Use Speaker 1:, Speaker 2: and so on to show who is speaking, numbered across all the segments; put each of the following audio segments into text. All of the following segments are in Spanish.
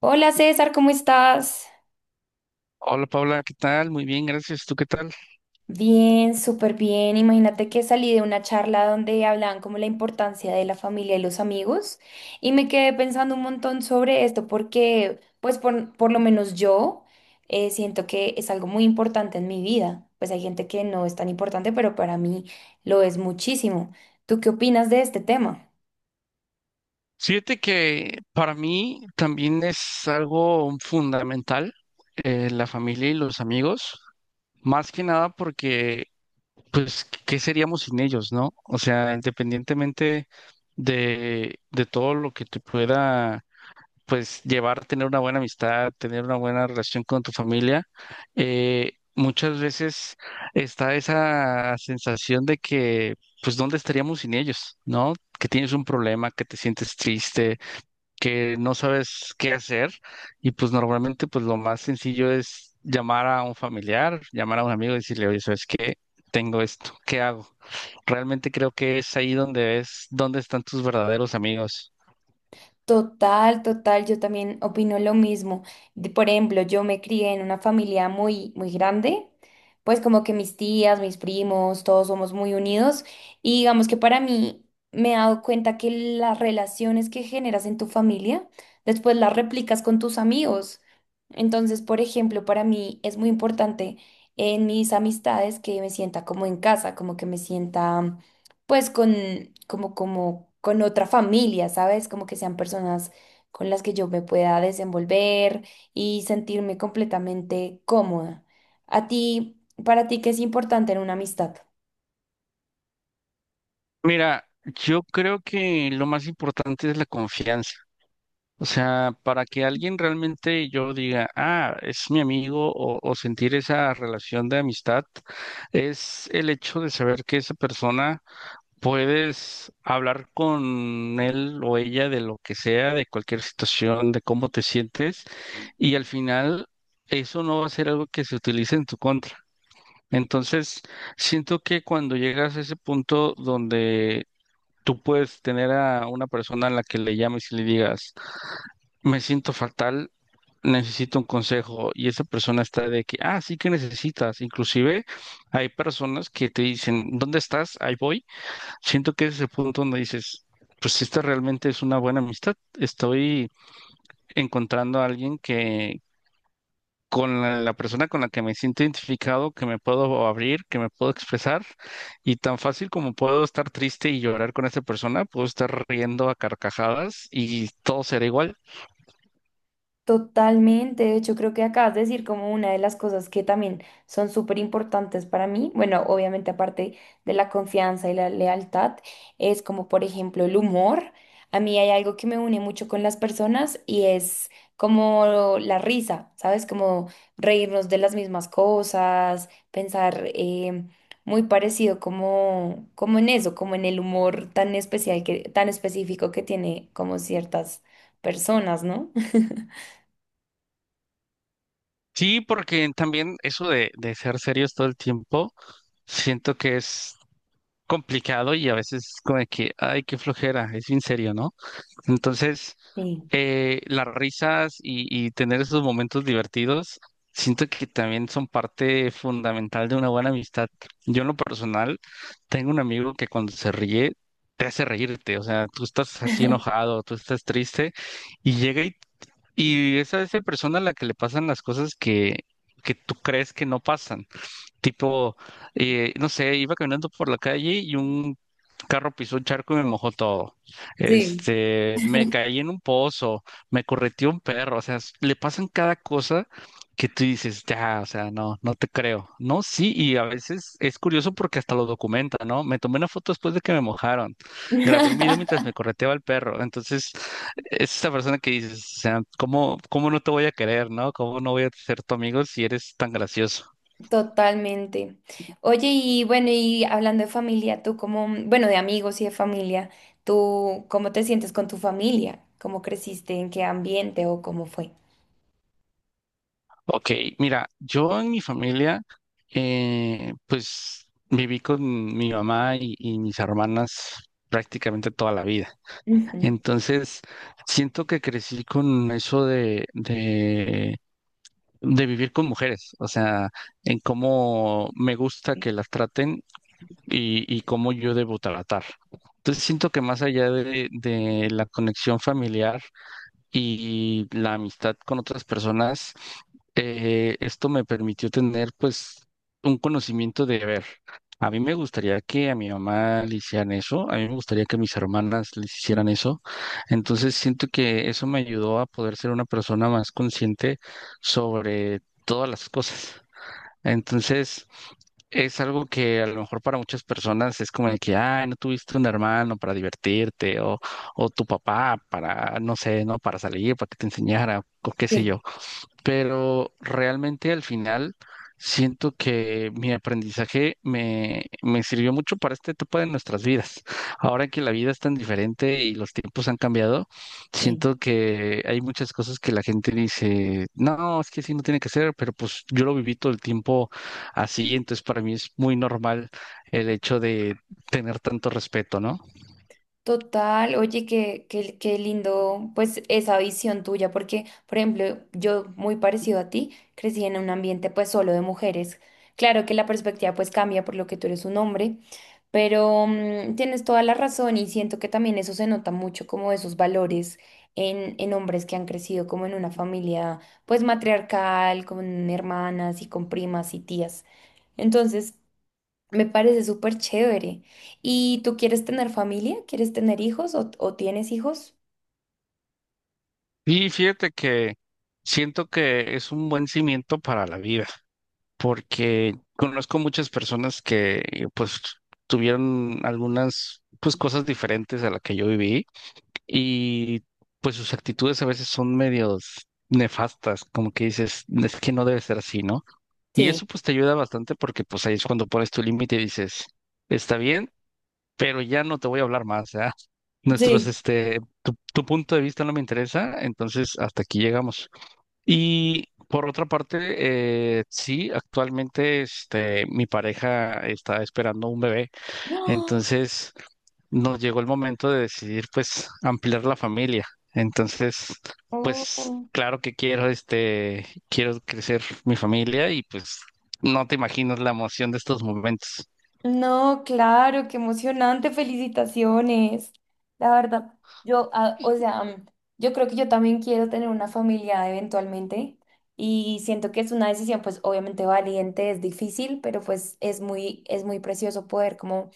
Speaker 1: Hola César, ¿cómo estás?
Speaker 2: Hola Paula, ¿qué tal? Muy bien, gracias. ¿Tú qué tal?
Speaker 1: Bien, súper bien. Imagínate que salí de una charla donde hablaban como la importancia de la familia y los amigos y me quedé pensando un montón sobre esto porque pues por lo menos yo siento que es algo muy importante en mi vida. Pues hay gente que no es tan importante, pero para mí lo es muchísimo. ¿Tú qué opinas de este tema?
Speaker 2: Fíjate que para mí también es algo fundamental, la familia y los amigos, más que nada porque, pues, ¿qué seríamos sin ellos, no? O sea, independientemente de todo lo que te pueda, pues, llevar, tener una buena amistad, tener una buena relación con tu familia. Muchas veces está esa sensación de que, pues, ¿dónde estaríamos sin ellos? ¿No? Que tienes un problema, que te sientes triste, que no sabes qué hacer, y pues normalmente, pues, lo más sencillo es llamar a un familiar, llamar a un amigo y decirle, oye, ¿sabes qué? Tengo esto, ¿qué hago? Realmente creo que es ahí donde es, dónde están tus verdaderos amigos.
Speaker 1: Total, total, yo también opino lo mismo. Por ejemplo, yo me crié en una familia muy, muy grande, pues como que mis tías, mis primos, todos somos muy unidos y digamos que para mí me he dado cuenta que las relaciones que generas en tu familia, después las replicas con tus amigos. Entonces, por ejemplo, para mí es muy importante en mis amistades que me sienta como en casa, como que me sienta pues con, con otra familia, ¿sabes? Como que sean personas con las que yo me pueda desenvolver y sentirme completamente cómoda. A ti, para ti, ¿qué es importante en una amistad?
Speaker 2: Mira, yo creo que lo más importante es la confianza. O sea, para que alguien realmente yo diga, ah, es mi amigo o sentir esa relación de amistad, es el hecho de saber que esa persona, puedes hablar con él o ella de lo que sea, de cualquier situación, de cómo te sientes, y al final eso no va a ser algo que se utilice en tu contra. Entonces, siento que cuando llegas a ese punto donde tú puedes tener a una persona a la que le llames y le digas, me siento fatal, necesito un consejo, y esa persona está de que, ah, sí que necesitas. Inclusive hay personas que te dicen, ¿dónde estás? Ahí voy. Siento que ese es el punto donde dices, pues si esta realmente es una buena amistad. Estoy encontrando a alguien que con la persona con la que me siento identificado, que me puedo abrir, que me puedo expresar, y tan fácil como puedo estar triste y llorar con esa persona, puedo estar riendo a carcajadas y todo será igual.
Speaker 1: Totalmente, de hecho creo que acabas de decir como una de las cosas que también son súper importantes para mí, bueno, obviamente aparte de la confianza y la lealtad, es como por ejemplo el humor. A mí hay algo que me une mucho con las personas y es como la risa, ¿sabes? Como reírnos de las mismas cosas, pensar muy parecido como, como en eso, como en el humor tan especial que, tan específico que tiene como ciertas personas, ¿no?
Speaker 2: Sí, porque también eso de ser serios todo el tiempo, siento que es complicado, y a veces como de que, ay, qué flojera, es bien serio, ¿no? Entonces...
Speaker 1: Sí.
Speaker 2: Las risas y tener esos momentos divertidos, siento que también son parte fundamental de una buena amistad. Yo en lo personal tengo un amigo que cuando se ríe te hace reírte, o sea, tú estás así enojado, tú estás triste y llega y es a esa persona a la que le pasan las cosas que tú crees que no pasan. Tipo, no sé, iba caminando por la calle y un carro pisó un charco y me mojó todo.
Speaker 1: Sí.
Speaker 2: Este, me caí en un pozo, me correteó un perro, o sea, s- le pasan cada cosa que tú dices, ya, o sea, no, no te creo. No, sí, y a veces es curioso porque hasta lo documenta, ¿no? Me tomé una foto después de que me mojaron, grabé un video mientras me correteaba el perro, entonces es esa persona que dices, o sea, ¿cómo, cómo no te voy a querer, ¿no? ¿Cómo no voy a ser tu amigo si eres tan gracioso?
Speaker 1: Totalmente. Oye, y bueno, y hablando de familia, tú como, bueno, de amigos y de familia, ¿tú cómo te sientes con tu familia? ¿Cómo creciste? ¿En qué ambiente o cómo fue?
Speaker 2: Ok, mira, yo en mi familia, pues viví con mi mamá y mis hermanas prácticamente toda la vida.
Speaker 1: Ujú.
Speaker 2: Entonces, siento que crecí con eso de vivir con mujeres, o sea, en cómo me gusta que las traten y cómo yo debo tratar. Entonces, siento que más allá de la conexión familiar y la amistad con otras personas, esto me permitió tener, pues, un conocimiento de ver. A mí me gustaría que a mi mamá le hicieran eso, a mí me gustaría que mis hermanas les hicieran eso. Entonces siento que eso me ayudó a poder ser una persona más consciente sobre todas las cosas. Entonces... Es algo que a lo mejor para muchas personas es como de que, ay, no tuviste un hermano para divertirte, o tu papá para, no sé, ¿no? Para salir, para que te enseñara, o qué sé
Speaker 1: Sí,
Speaker 2: yo. Pero realmente al final siento que mi aprendizaje me, me sirvió mucho para esta etapa de nuestras vidas. Ahora que la vida es tan diferente y los tiempos han cambiado,
Speaker 1: sí.
Speaker 2: siento que hay muchas cosas que la gente dice, no, es que así no tiene que ser, pero pues yo lo viví todo el tiempo así, entonces para mí es muy normal el hecho de tener tanto respeto, ¿no?
Speaker 1: Total, oye, qué lindo, pues esa visión tuya, porque, por ejemplo, yo muy parecido a ti, crecí en un ambiente pues solo de mujeres. Claro que la perspectiva pues cambia por lo que tú eres un hombre, pero tienes toda la razón y siento que también eso se nota mucho como esos valores en hombres que han crecido como en una familia pues matriarcal, con hermanas y con primas y tías. Entonces, me parece súper chévere. ¿Y tú quieres tener familia? ¿Quieres tener hijos o tienes hijos?
Speaker 2: Y fíjate que siento que es un buen cimiento para la vida, porque conozco muchas personas que, pues, tuvieron algunas, pues, cosas diferentes a la que yo viví, y pues sus actitudes a veces son medios nefastas, como que dices, es que no debe ser así, ¿no? Y
Speaker 1: Sí,
Speaker 2: eso pues te ayuda bastante porque pues ahí es cuando pones tu límite y dices, está bien, pero ya no te voy a hablar más, ¿ya? Nuestros,
Speaker 1: sí.
Speaker 2: este, tu punto de vista no me interesa, entonces hasta aquí llegamos. Y por otra parte, sí, actualmente este, mi pareja está esperando un bebé,
Speaker 1: ¡Ah!
Speaker 2: entonces nos llegó el momento de decidir pues ampliar la familia. Entonces, pues
Speaker 1: Oh,
Speaker 2: claro que quiero este, quiero crecer mi familia y pues no te imaginas la emoción de estos momentos.
Speaker 1: no, claro, qué emocionante, felicitaciones. La verdad, yo, ah, o sea, mm, yo creo que yo también quiero tener una familia eventualmente y siento que es una decisión, pues obviamente valiente, es difícil, pero pues es muy precioso poder como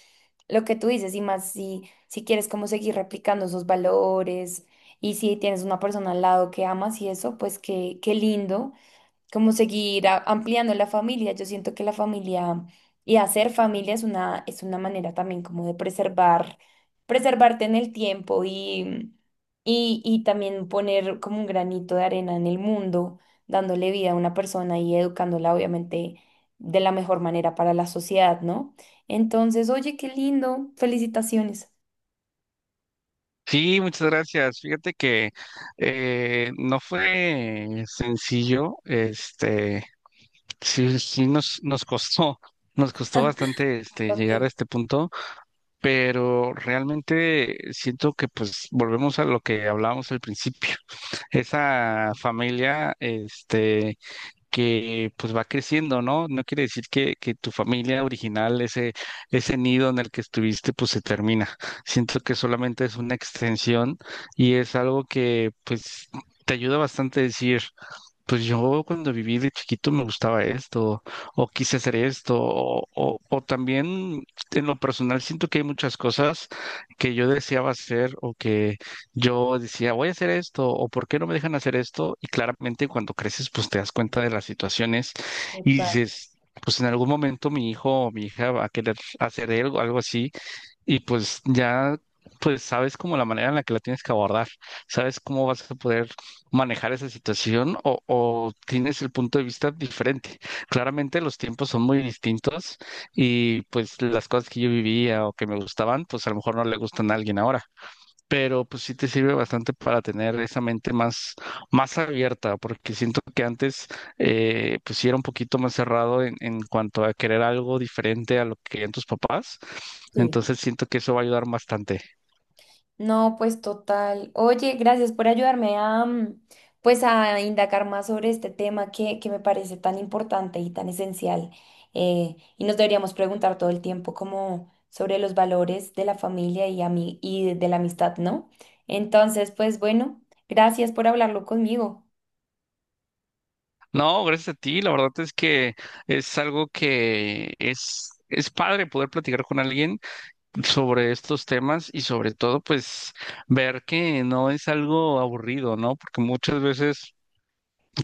Speaker 1: lo que tú dices, y más si quieres como seguir replicando esos valores, y si tienes una persona al lado que amas y eso, pues qué, qué lindo como seguir ampliando la familia. Yo siento que la familia y hacer familia es una manera también como de preservar, preservarte en el tiempo y también poner como un granito de arena en el mundo, dándole vida a una persona y educándola obviamente de la mejor manera para la sociedad, ¿no? Entonces, oye, qué lindo, felicitaciones.
Speaker 2: Sí, muchas gracias. Fíjate que no fue sencillo, este. Sí, sí nos costó, nos costó bastante este
Speaker 1: Ok,
Speaker 2: llegar a este punto, pero realmente siento que pues volvemos a lo que hablábamos al principio. Esa familia, este, que pues va creciendo, ¿no? No quiere decir que tu familia original, ese nido en el que estuviste, pues se termina. Siento que solamente es una extensión y es algo que pues te ayuda bastante a decir, pues yo cuando viví de chiquito me gustaba esto, o quise hacer esto, o también en lo personal siento que hay muchas cosas que yo deseaba hacer o que yo decía, voy a hacer esto, o por qué no me dejan hacer esto, y claramente cuando creces pues te das cuenta de las situaciones y
Speaker 1: total.
Speaker 2: dices... Pues en algún momento mi hijo o mi hija va a querer hacer algo, algo así, y pues ya, pues sabes como la manera en la que la tienes que abordar, sabes cómo vas a poder manejar esa situación o tienes el punto de vista diferente. Claramente los tiempos son muy distintos y pues las cosas que yo vivía o que me gustaban, pues a lo mejor no le gustan a alguien ahora, pero pues sí te sirve bastante para tener esa mente más, más abierta, porque siento que antes, pues sí era un poquito más cerrado en cuanto a querer algo diferente a lo que querían tus papás,
Speaker 1: Sí.
Speaker 2: entonces siento que eso va a ayudar bastante.
Speaker 1: No, pues total. Oye, gracias por ayudarme a, mm, pues a indagar más sobre este tema que me parece tan importante y tan esencial. Y nos deberíamos preguntar todo el tiempo como sobre los valores de la familia y, y de la amistad, ¿no? Entonces, pues bueno, gracias por hablarlo conmigo.
Speaker 2: No, gracias a ti, la verdad es que es algo que es... Es padre poder platicar con alguien sobre estos temas y sobre todo pues ver que no es algo aburrido, ¿no? Porque muchas veces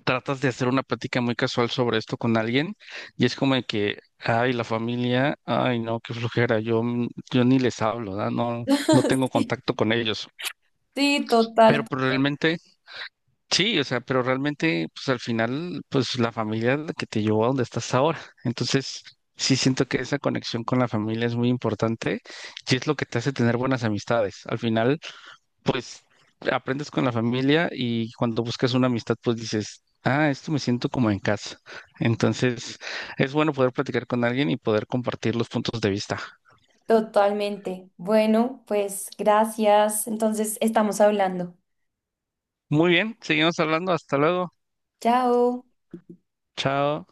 Speaker 2: tratas de hacer una plática muy casual sobre esto con alguien y es como de que, ay, la familia, ay, no, qué flojera, yo, yo ni les hablo, ¿verdad? No, no tengo
Speaker 1: Sí.
Speaker 2: contacto con ellos.
Speaker 1: Sí, total,
Speaker 2: Pero realmente, sí, o sea, pero realmente, pues al final, pues la familia es la que te llevó a donde estás ahora. Entonces, sí siento que esa conexión con la familia es muy importante y es lo que te hace tener buenas amistades. Al final, pues aprendes con la familia y cuando buscas una amistad, pues dices, ah, esto me siento como en casa. Entonces, es bueno poder platicar con alguien y poder compartir los puntos de vista.
Speaker 1: totalmente. Bueno, pues gracias. Entonces, estamos hablando.
Speaker 2: Muy bien, seguimos hablando. Hasta luego.
Speaker 1: Chao.
Speaker 2: Chao.